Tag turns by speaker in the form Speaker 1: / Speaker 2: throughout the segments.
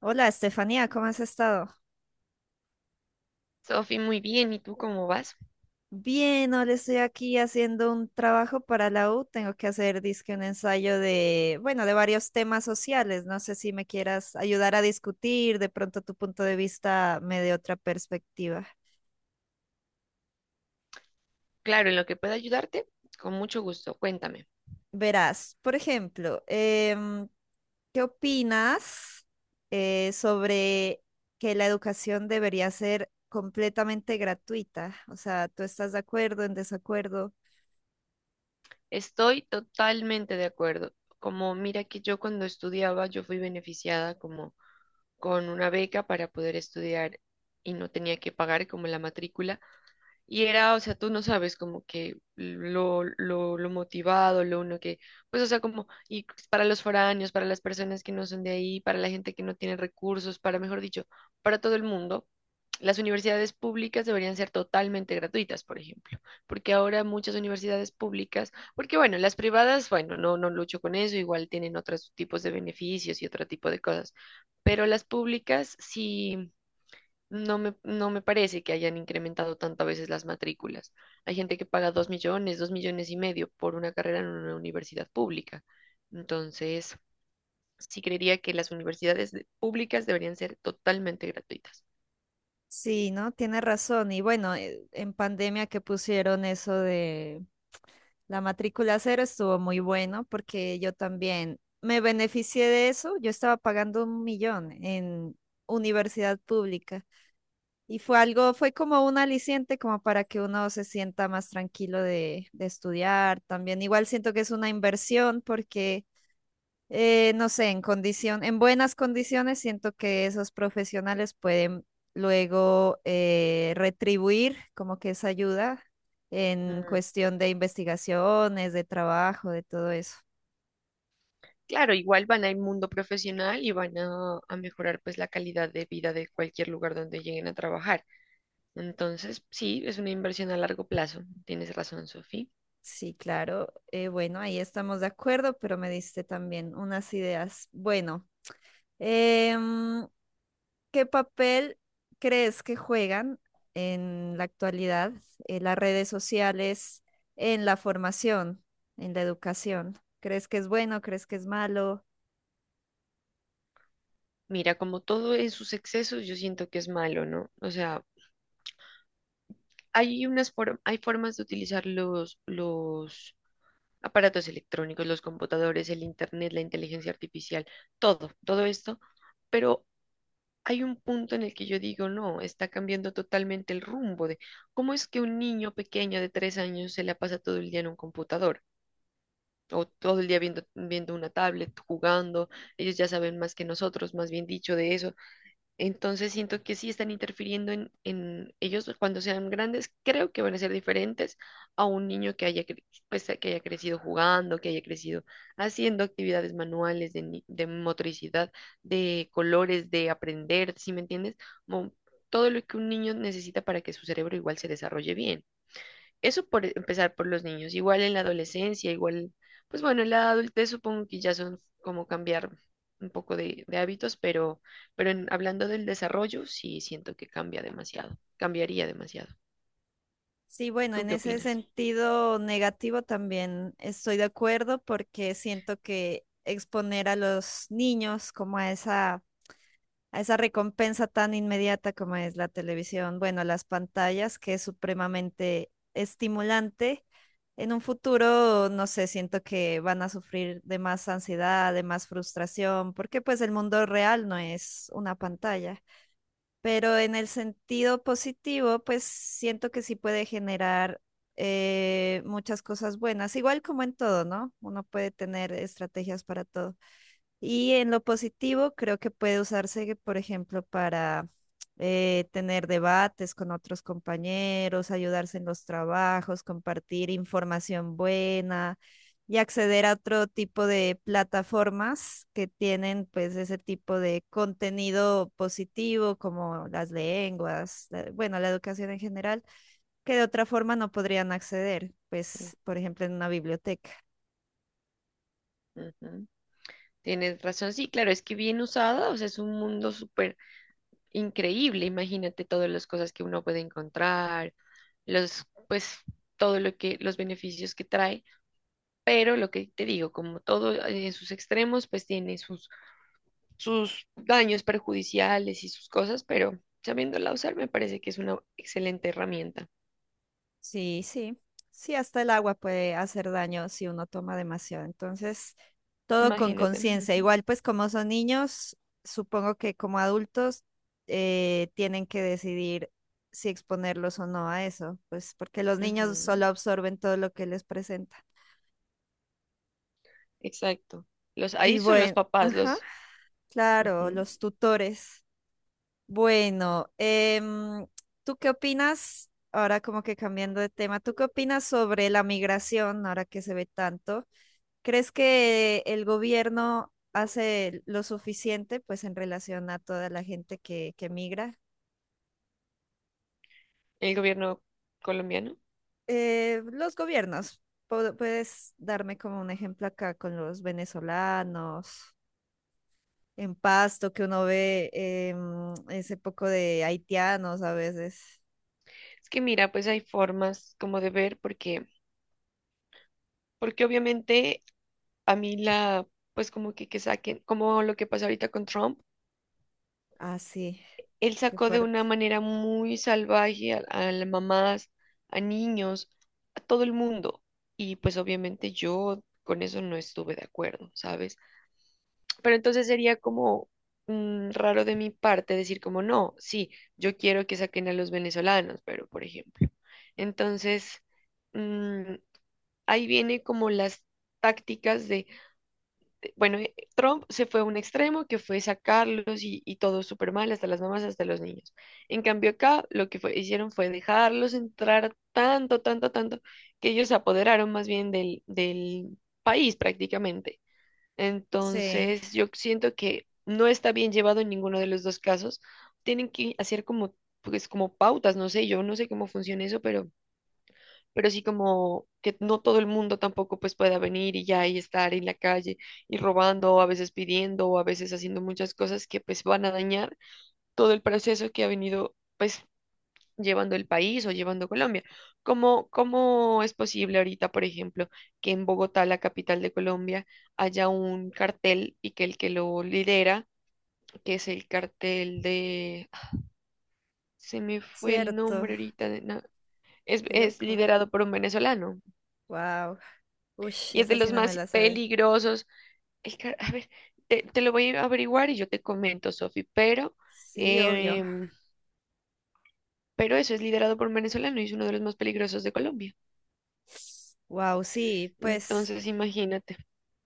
Speaker 1: Hola, Estefanía, ¿cómo has estado?
Speaker 2: Sofi, muy bien. ¿Y tú cómo vas?
Speaker 1: Bien, ahora estoy aquí haciendo un trabajo para la U. Tengo que hacer, dizque, un ensayo de, bueno, de varios temas sociales. No sé si me quieras ayudar a discutir, de pronto tu punto de vista me dé otra perspectiva.
Speaker 2: Claro, en lo que pueda ayudarte, con mucho gusto. Cuéntame.
Speaker 1: Verás, por ejemplo, ¿qué opinas sobre que la educación debería ser completamente gratuita? O sea, ¿tú estás de acuerdo, en desacuerdo?
Speaker 2: Estoy totalmente de acuerdo. Como mira que yo cuando estudiaba, yo fui beneficiada como con una beca para poder estudiar y no tenía que pagar como la matrícula. Y era, o sea, tú no sabes como que lo motivado, lo uno que, pues, o sea, como, y para los foráneos, para las personas que no son de ahí, para la gente que no tiene recursos, para, mejor dicho, para todo el mundo, las universidades públicas deberían ser totalmente gratuitas, por ejemplo, porque ahora muchas universidades públicas porque bueno, las privadas, bueno, no, no lucho con eso, igual tienen otros tipos de beneficios y otro tipo de cosas, pero las públicas sí, no me parece que hayan incrementado tanto a veces las matrículas. Hay gente que paga 2 millones, 2,5 millones por una carrera en una universidad pública. Entonces, sí creería que las universidades públicas deberían ser totalmente gratuitas.
Speaker 1: Sí, ¿no? Tiene razón. Y bueno, en pandemia que pusieron eso de la matrícula cero estuvo muy bueno porque yo también me beneficié de eso. Yo estaba pagando 1.000.000 en universidad pública y fue algo, fue como un aliciente como para que uno se sienta más tranquilo de estudiar. También igual siento que es una inversión porque no sé, en condición, en buenas condiciones, siento que esos profesionales pueden luego retribuir como que esa ayuda en
Speaker 2: Mm,
Speaker 1: cuestión de investigaciones, de trabajo, de todo eso.
Speaker 2: claro, igual van al mundo profesional y van a mejorar pues la calidad de vida de cualquier lugar donde lleguen a trabajar. Entonces, sí, es una inversión a largo plazo. Tienes razón, Sofía.
Speaker 1: Sí, claro. Bueno, ahí estamos de acuerdo, pero me diste también unas ideas. Bueno, em, ¿qué papel crees que juegan en la actualidad las redes sociales en la formación, en la educación? ¿Crees que es bueno? ¿Crees que es malo?
Speaker 2: Mira, como todo en sus excesos, yo siento que es malo, ¿no? O sea, hay unas hay formas de utilizar los aparatos electrónicos, los computadores, el internet, la inteligencia artificial, todo, todo esto, pero hay un punto en el que yo digo, no, está cambiando totalmente el rumbo de cómo es que un niño pequeño de 3 años se la pasa todo el día en un computador. O todo el día viendo una tablet, jugando, ellos ya saben más que nosotros, más bien dicho, de eso. Entonces siento que sí están interfiriendo en ellos cuando sean grandes, creo que van a ser diferentes a un niño que haya, pues, que haya crecido jugando, que haya crecido haciendo actividades manuales de, de motricidad, de colores, de aprender, ¿sí me entiendes? Como todo lo que un niño necesita para que su cerebro igual se desarrolle bien. Eso por empezar por los niños. Igual en la adolescencia, igual, pues bueno, en la adultez supongo que ya son como cambiar un poco de hábitos, pero hablando del desarrollo, sí siento que cambia demasiado, cambiaría demasiado.
Speaker 1: Sí, bueno,
Speaker 2: ¿Tú
Speaker 1: en
Speaker 2: qué
Speaker 1: ese
Speaker 2: opinas?
Speaker 1: sentido negativo también estoy de acuerdo porque siento que exponer a los niños como a esa recompensa tan inmediata como es la televisión, bueno, las pantallas, que es supremamente estimulante. En un futuro, no sé, siento que van a sufrir de más ansiedad, de más frustración, porque pues el mundo real no es una pantalla. Pero en el sentido positivo, pues siento que sí puede generar muchas cosas buenas, igual como en todo, ¿no? Uno puede tener estrategias para todo. Y en lo positivo, creo que puede usarse, por ejemplo, para tener debates con otros compañeros, ayudarse en los trabajos, compartir información buena y acceder a otro tipo de plataformas que tienen pues ese tipo de contenido positivo como las lenguas, bueno, la educación en general, que de otra forma no podrían acceder,
Speaker 2: Ujú.
Speaker 1: pues, por ejemplo, en una biblioteca.
Speaker 2: Ujú. Tienes razón, sí, claro, es que bien usada, o sea, es un mundo súper increíble, imagínate todas las cosas que uno puede encontrar, los, pues, todo lo que, los beneficios que trae. Pero lo que te digo, como todo en sus extremos, pues tiene sus, sus daños perjudiciales y sus cosas, pero sabiéndola usar me parece que es una excelente herramienta.
Speaker 1: Sí, sí, sí, hasta el agua puede hacer daño si uno toma demasiado. Entonces, todo con
Speaker 2: Imagínate.
Speaker 1: conciencia.
Speaker 2: Ujú,
Speaker 1: Igual, pues como son niños, supongo que como adultos tienen que decidir si exponerlos o no a eso, pues porque los niños
Speaker 2: ujú,
Speaker 1: solo absorben todo lo que les presenta.
Speaker 2: exacto. Los,
Speaker 1: Y
Speaker 2: ahí son los
Speaker 1: bueno,
Speaker 2: papás,
Speaker 1: ajá,
Speaker 2: los.
Speaker 1: claro,
Speaker 2: Ujú.
Speaker 1: los tutores. Bueno, em, ¿tú qué opinas? Ahora como que cambiando de tema, ¿tú qué opinas sobre la migración ahora que se ve tanto? ¿Crees que el gobierno hace lo suficiente, pues, en relación a toda la gente que migra?
Speaker 2: El gobierno colombiano.
Speaker 1: Los gobiernos, puedes darme como un ejemplo acá con los venezolanos, en Pasto, que uno ve ese poco de haitianos a veces.
Speaker 2: Es que mira, pues hay formas como de ver, porque obviamente a mí la, pues como que, saquen, como lo que pasa ahorita con Trump.
Speaker 1: Ah, sí,
Speaker 2: Él
Speaker 1: qué
Speaker 2: sacó de
Speaker 1: fuerte.
Speaker 2: una manera muy salvaje a las mamás, a niños, a todo el mundo. Y pues obviamente yo con eso no estuve de acuerdo, ¿sabes? Pero entonces sería como raro de mi parte decir como no, sí, yo quiero que saquen a los venezolanos, pero por ejemplo. Entonces, mm, ahí viene como las tácticas de bueno, Trump se fue a un extremo que fue sacarlos y todo súper mal, hasta las mamás, hasta los niños. En cambio, acá lo que hicieron fue dejarlos entrar tanto, tanto, tanto, que ellos se apoderaron más bien del país prácticamente.
Speaker 1: Sí,
Speaker 2: Entonces, yo siento que no está bien llevado en ninguno de los dos casos. Tienen que hacer como, pues, como pautas, no sé, yo no sé cómo funciona eso, pero sí como que no todo el mundo tampoco pues pueda venir y ya y estar en la calle y robando, o a veces pidiendo, o a veces haciendo muchas cosas que pues van a dañar todo el proceso que ha venido pues llevando el país o llevando Colombia. ¿Cómo, cómo es posible ahorita, por ejemplo, que en Bogotá, la capital de Colombia, haya un cartel y que el que lo lidera, que es el cartel de... Se me fue el
Speaker 1: cierto,
Speaker 2: nombre ahorita. No, es,
Speaker 1: qué
Speaker 2: es
Speaker 1: loco.
Speaker 2: liderado por un venezolano.
Speaker 1: Wow. Uy,
Speaker 2: Y es de
Speaker 1: esa sí
Speaker 2: los
Speaker 1: no me
Speaker 2: más
Speaker 1: la sabe.
Speaker 2: peligrosos. Ay, a ver, te lo voy a averiguar y yo te comento, Sofi,
Speaker 1: Sí, obvio.
Speaker 2: em, pero eso es liderado por un venezolano y es uno de los más peligrosos de Colombia.
Speaker 1: Wow, sí, pues.
Speaker 2: Entonces, imagínate,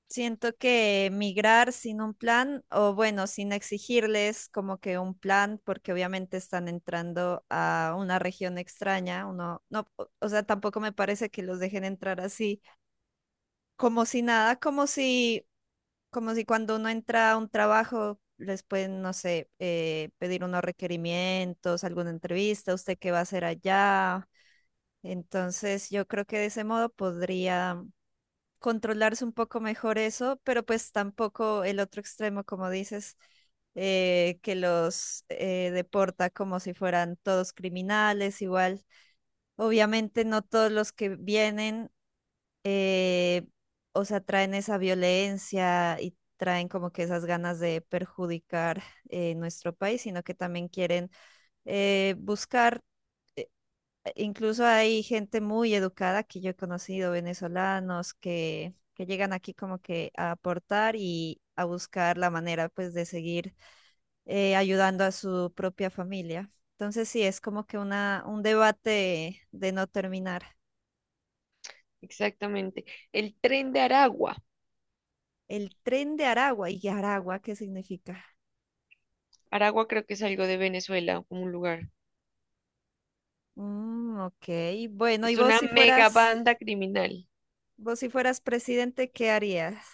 Speaker 1: Siento que migrar sin un plan, o bueno, sin exigirles como que un plan, porque obviamente están entrando a una región extraña, uno, no, o sea, tampoco me parece que los dejen entrar así, como si nada, como si cuando uno entra a un trabajo les pueden, no sé, pedir unos requerimientos, alguna entrevista, usted qué va a hacer allá. Entonces, yo creo que de ese modo podría controlarse un poco mejor eso, pero pues tampoco el otro extremo, como dices, que los deporta como si fueran todos criminales, igual. Obviamente no todos los que vienen, eh, o sea, traen esa violencia y traen como que esas ganas de perjudicar nuestro país, sino que también quieren buscar. Incluso hay gente muy educada que yo he conocido, venezolanos, que llegan aquí como que a aportar y a buscar la manera pues de seguir ayudando a su propia familia. Entonces sí, es como que una, un debate de no terminar.
Speaker 2: exactamente. El tren de Aragua.
Speaker 1: El tren de Aragua, ¿y Aragua qué significa?
Speaker 2: Aragua creo que es algo de Venezuela, como un lugar.
Speaker 1: Mm, ok, bueno, y
Speaker 2: Es una mega banda criminal.
Speaker 1: vos si fueras presidente, ¿qué harías?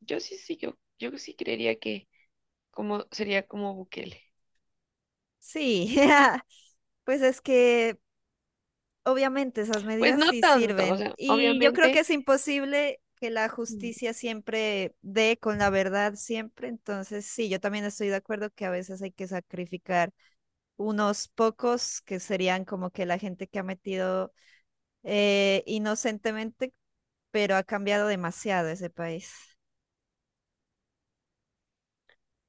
Speaker 2: Yo sí creería que como, sería como Bukele.
Speaker 1: Sí, pues es que obviamente esas
Speaker 2: Pues
Speaker 1: medidas
Speaker 2: no
Speaker 1: sí
Speaker 2: tanto, o
Speaker 1: sirven
Speaker 2: sea,
Speaker 1: y yo creo que
Speaker 2: obviamente.
Speaker 1: es imposible que la justicia siempre dé con la verdad siempre, entonces sí, yo también estoy de acuerdo que a veces hay que sacrificar unos pocos que serían como que la gente que ha metido inocentemente, pero ha cambiado demasiado ese país.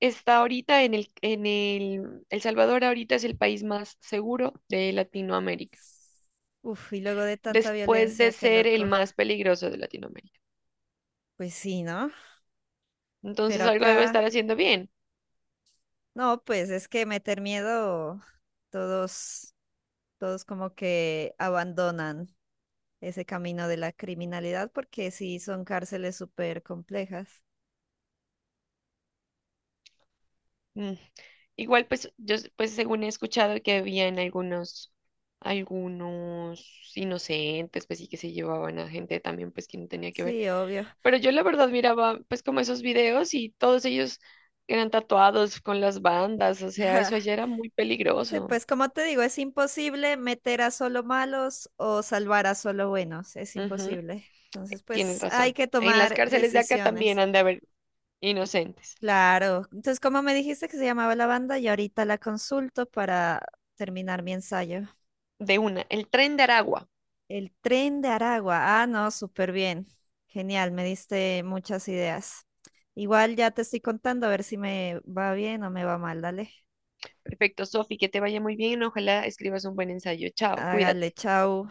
Speaker 2: Está ahorita en El Salvador. Ahorita es el país más seguro de Latinoamérica,
Speaker 1: Uf, y luego de tanta
Speaker 2: después
Speaker 1: violencia,
Speaker 2: de
Speaker 1: qué
Speaker 2: ser el
Speaker 1: loco.
Speaker 2: más peligroso de Latinoamérica.
Speaker 1: Pues sí, ¿no?
Speaker 2: Entonces
Speaker 1: Pero
Speaker 2: algo debe
Speaker 1: acá,
Speaker 2: estar haciendo bien.
Speaker 1: no, pues es que meter miedo, todos todos como que abandonan ese camino de la criminalidad porque sí son cárceles súper complejas.
Speaker 2: Mm. Igual pues yo pues según he escuchado que habían algunos inocentes pues sí que se llevaban a gente también pues que no tenía que ver.
Speaker 1: Sí, obvio.
Speaker 2: Pero yo la verdad miraba pues como esos videos y todos ellos eran tatuados con las bandas, o sea, eso allá era muy
Speaker 1: Sí,
Speaker 2: peligroso.
Speaker 1: pues como te digo, es imposible meter a solo malos o salvar a solo buenos, es
Speaker 2: Ujú.
Speaker 1: imposible. Entonces,
Speaker 2: Tienes
Speaker 1: pues hay
Speaker 2: razón.
Speaker 1: que
Speaker 2: En las
Speaker 1: tomar
Speaker 2: cárceles de acá también
Speaker 1: decisiones.
Speaker 2: han de haber inocentes.
Speaker 1: Claro. Entonces, ¿como me dijiste que se llamaba la banda? Y ahorita la consulto para terminar mi ensayo.
Speaker 2: De una, el tren de Aragua.
Speaker 1: El tren de Aragua. Ah, no, súper bien. Genial, me diste muchas ideas. Igual ya te estoy contando a ver si me va bien o me va mal. Dale.
Speaker 2: Perfecto, Sofi, que te vaya muy bien. Ojalá escribas un buen ensayo. Chao,
Speaker 1: Hágale,
Speaker 2: cuídate.
Speaker 1: chau.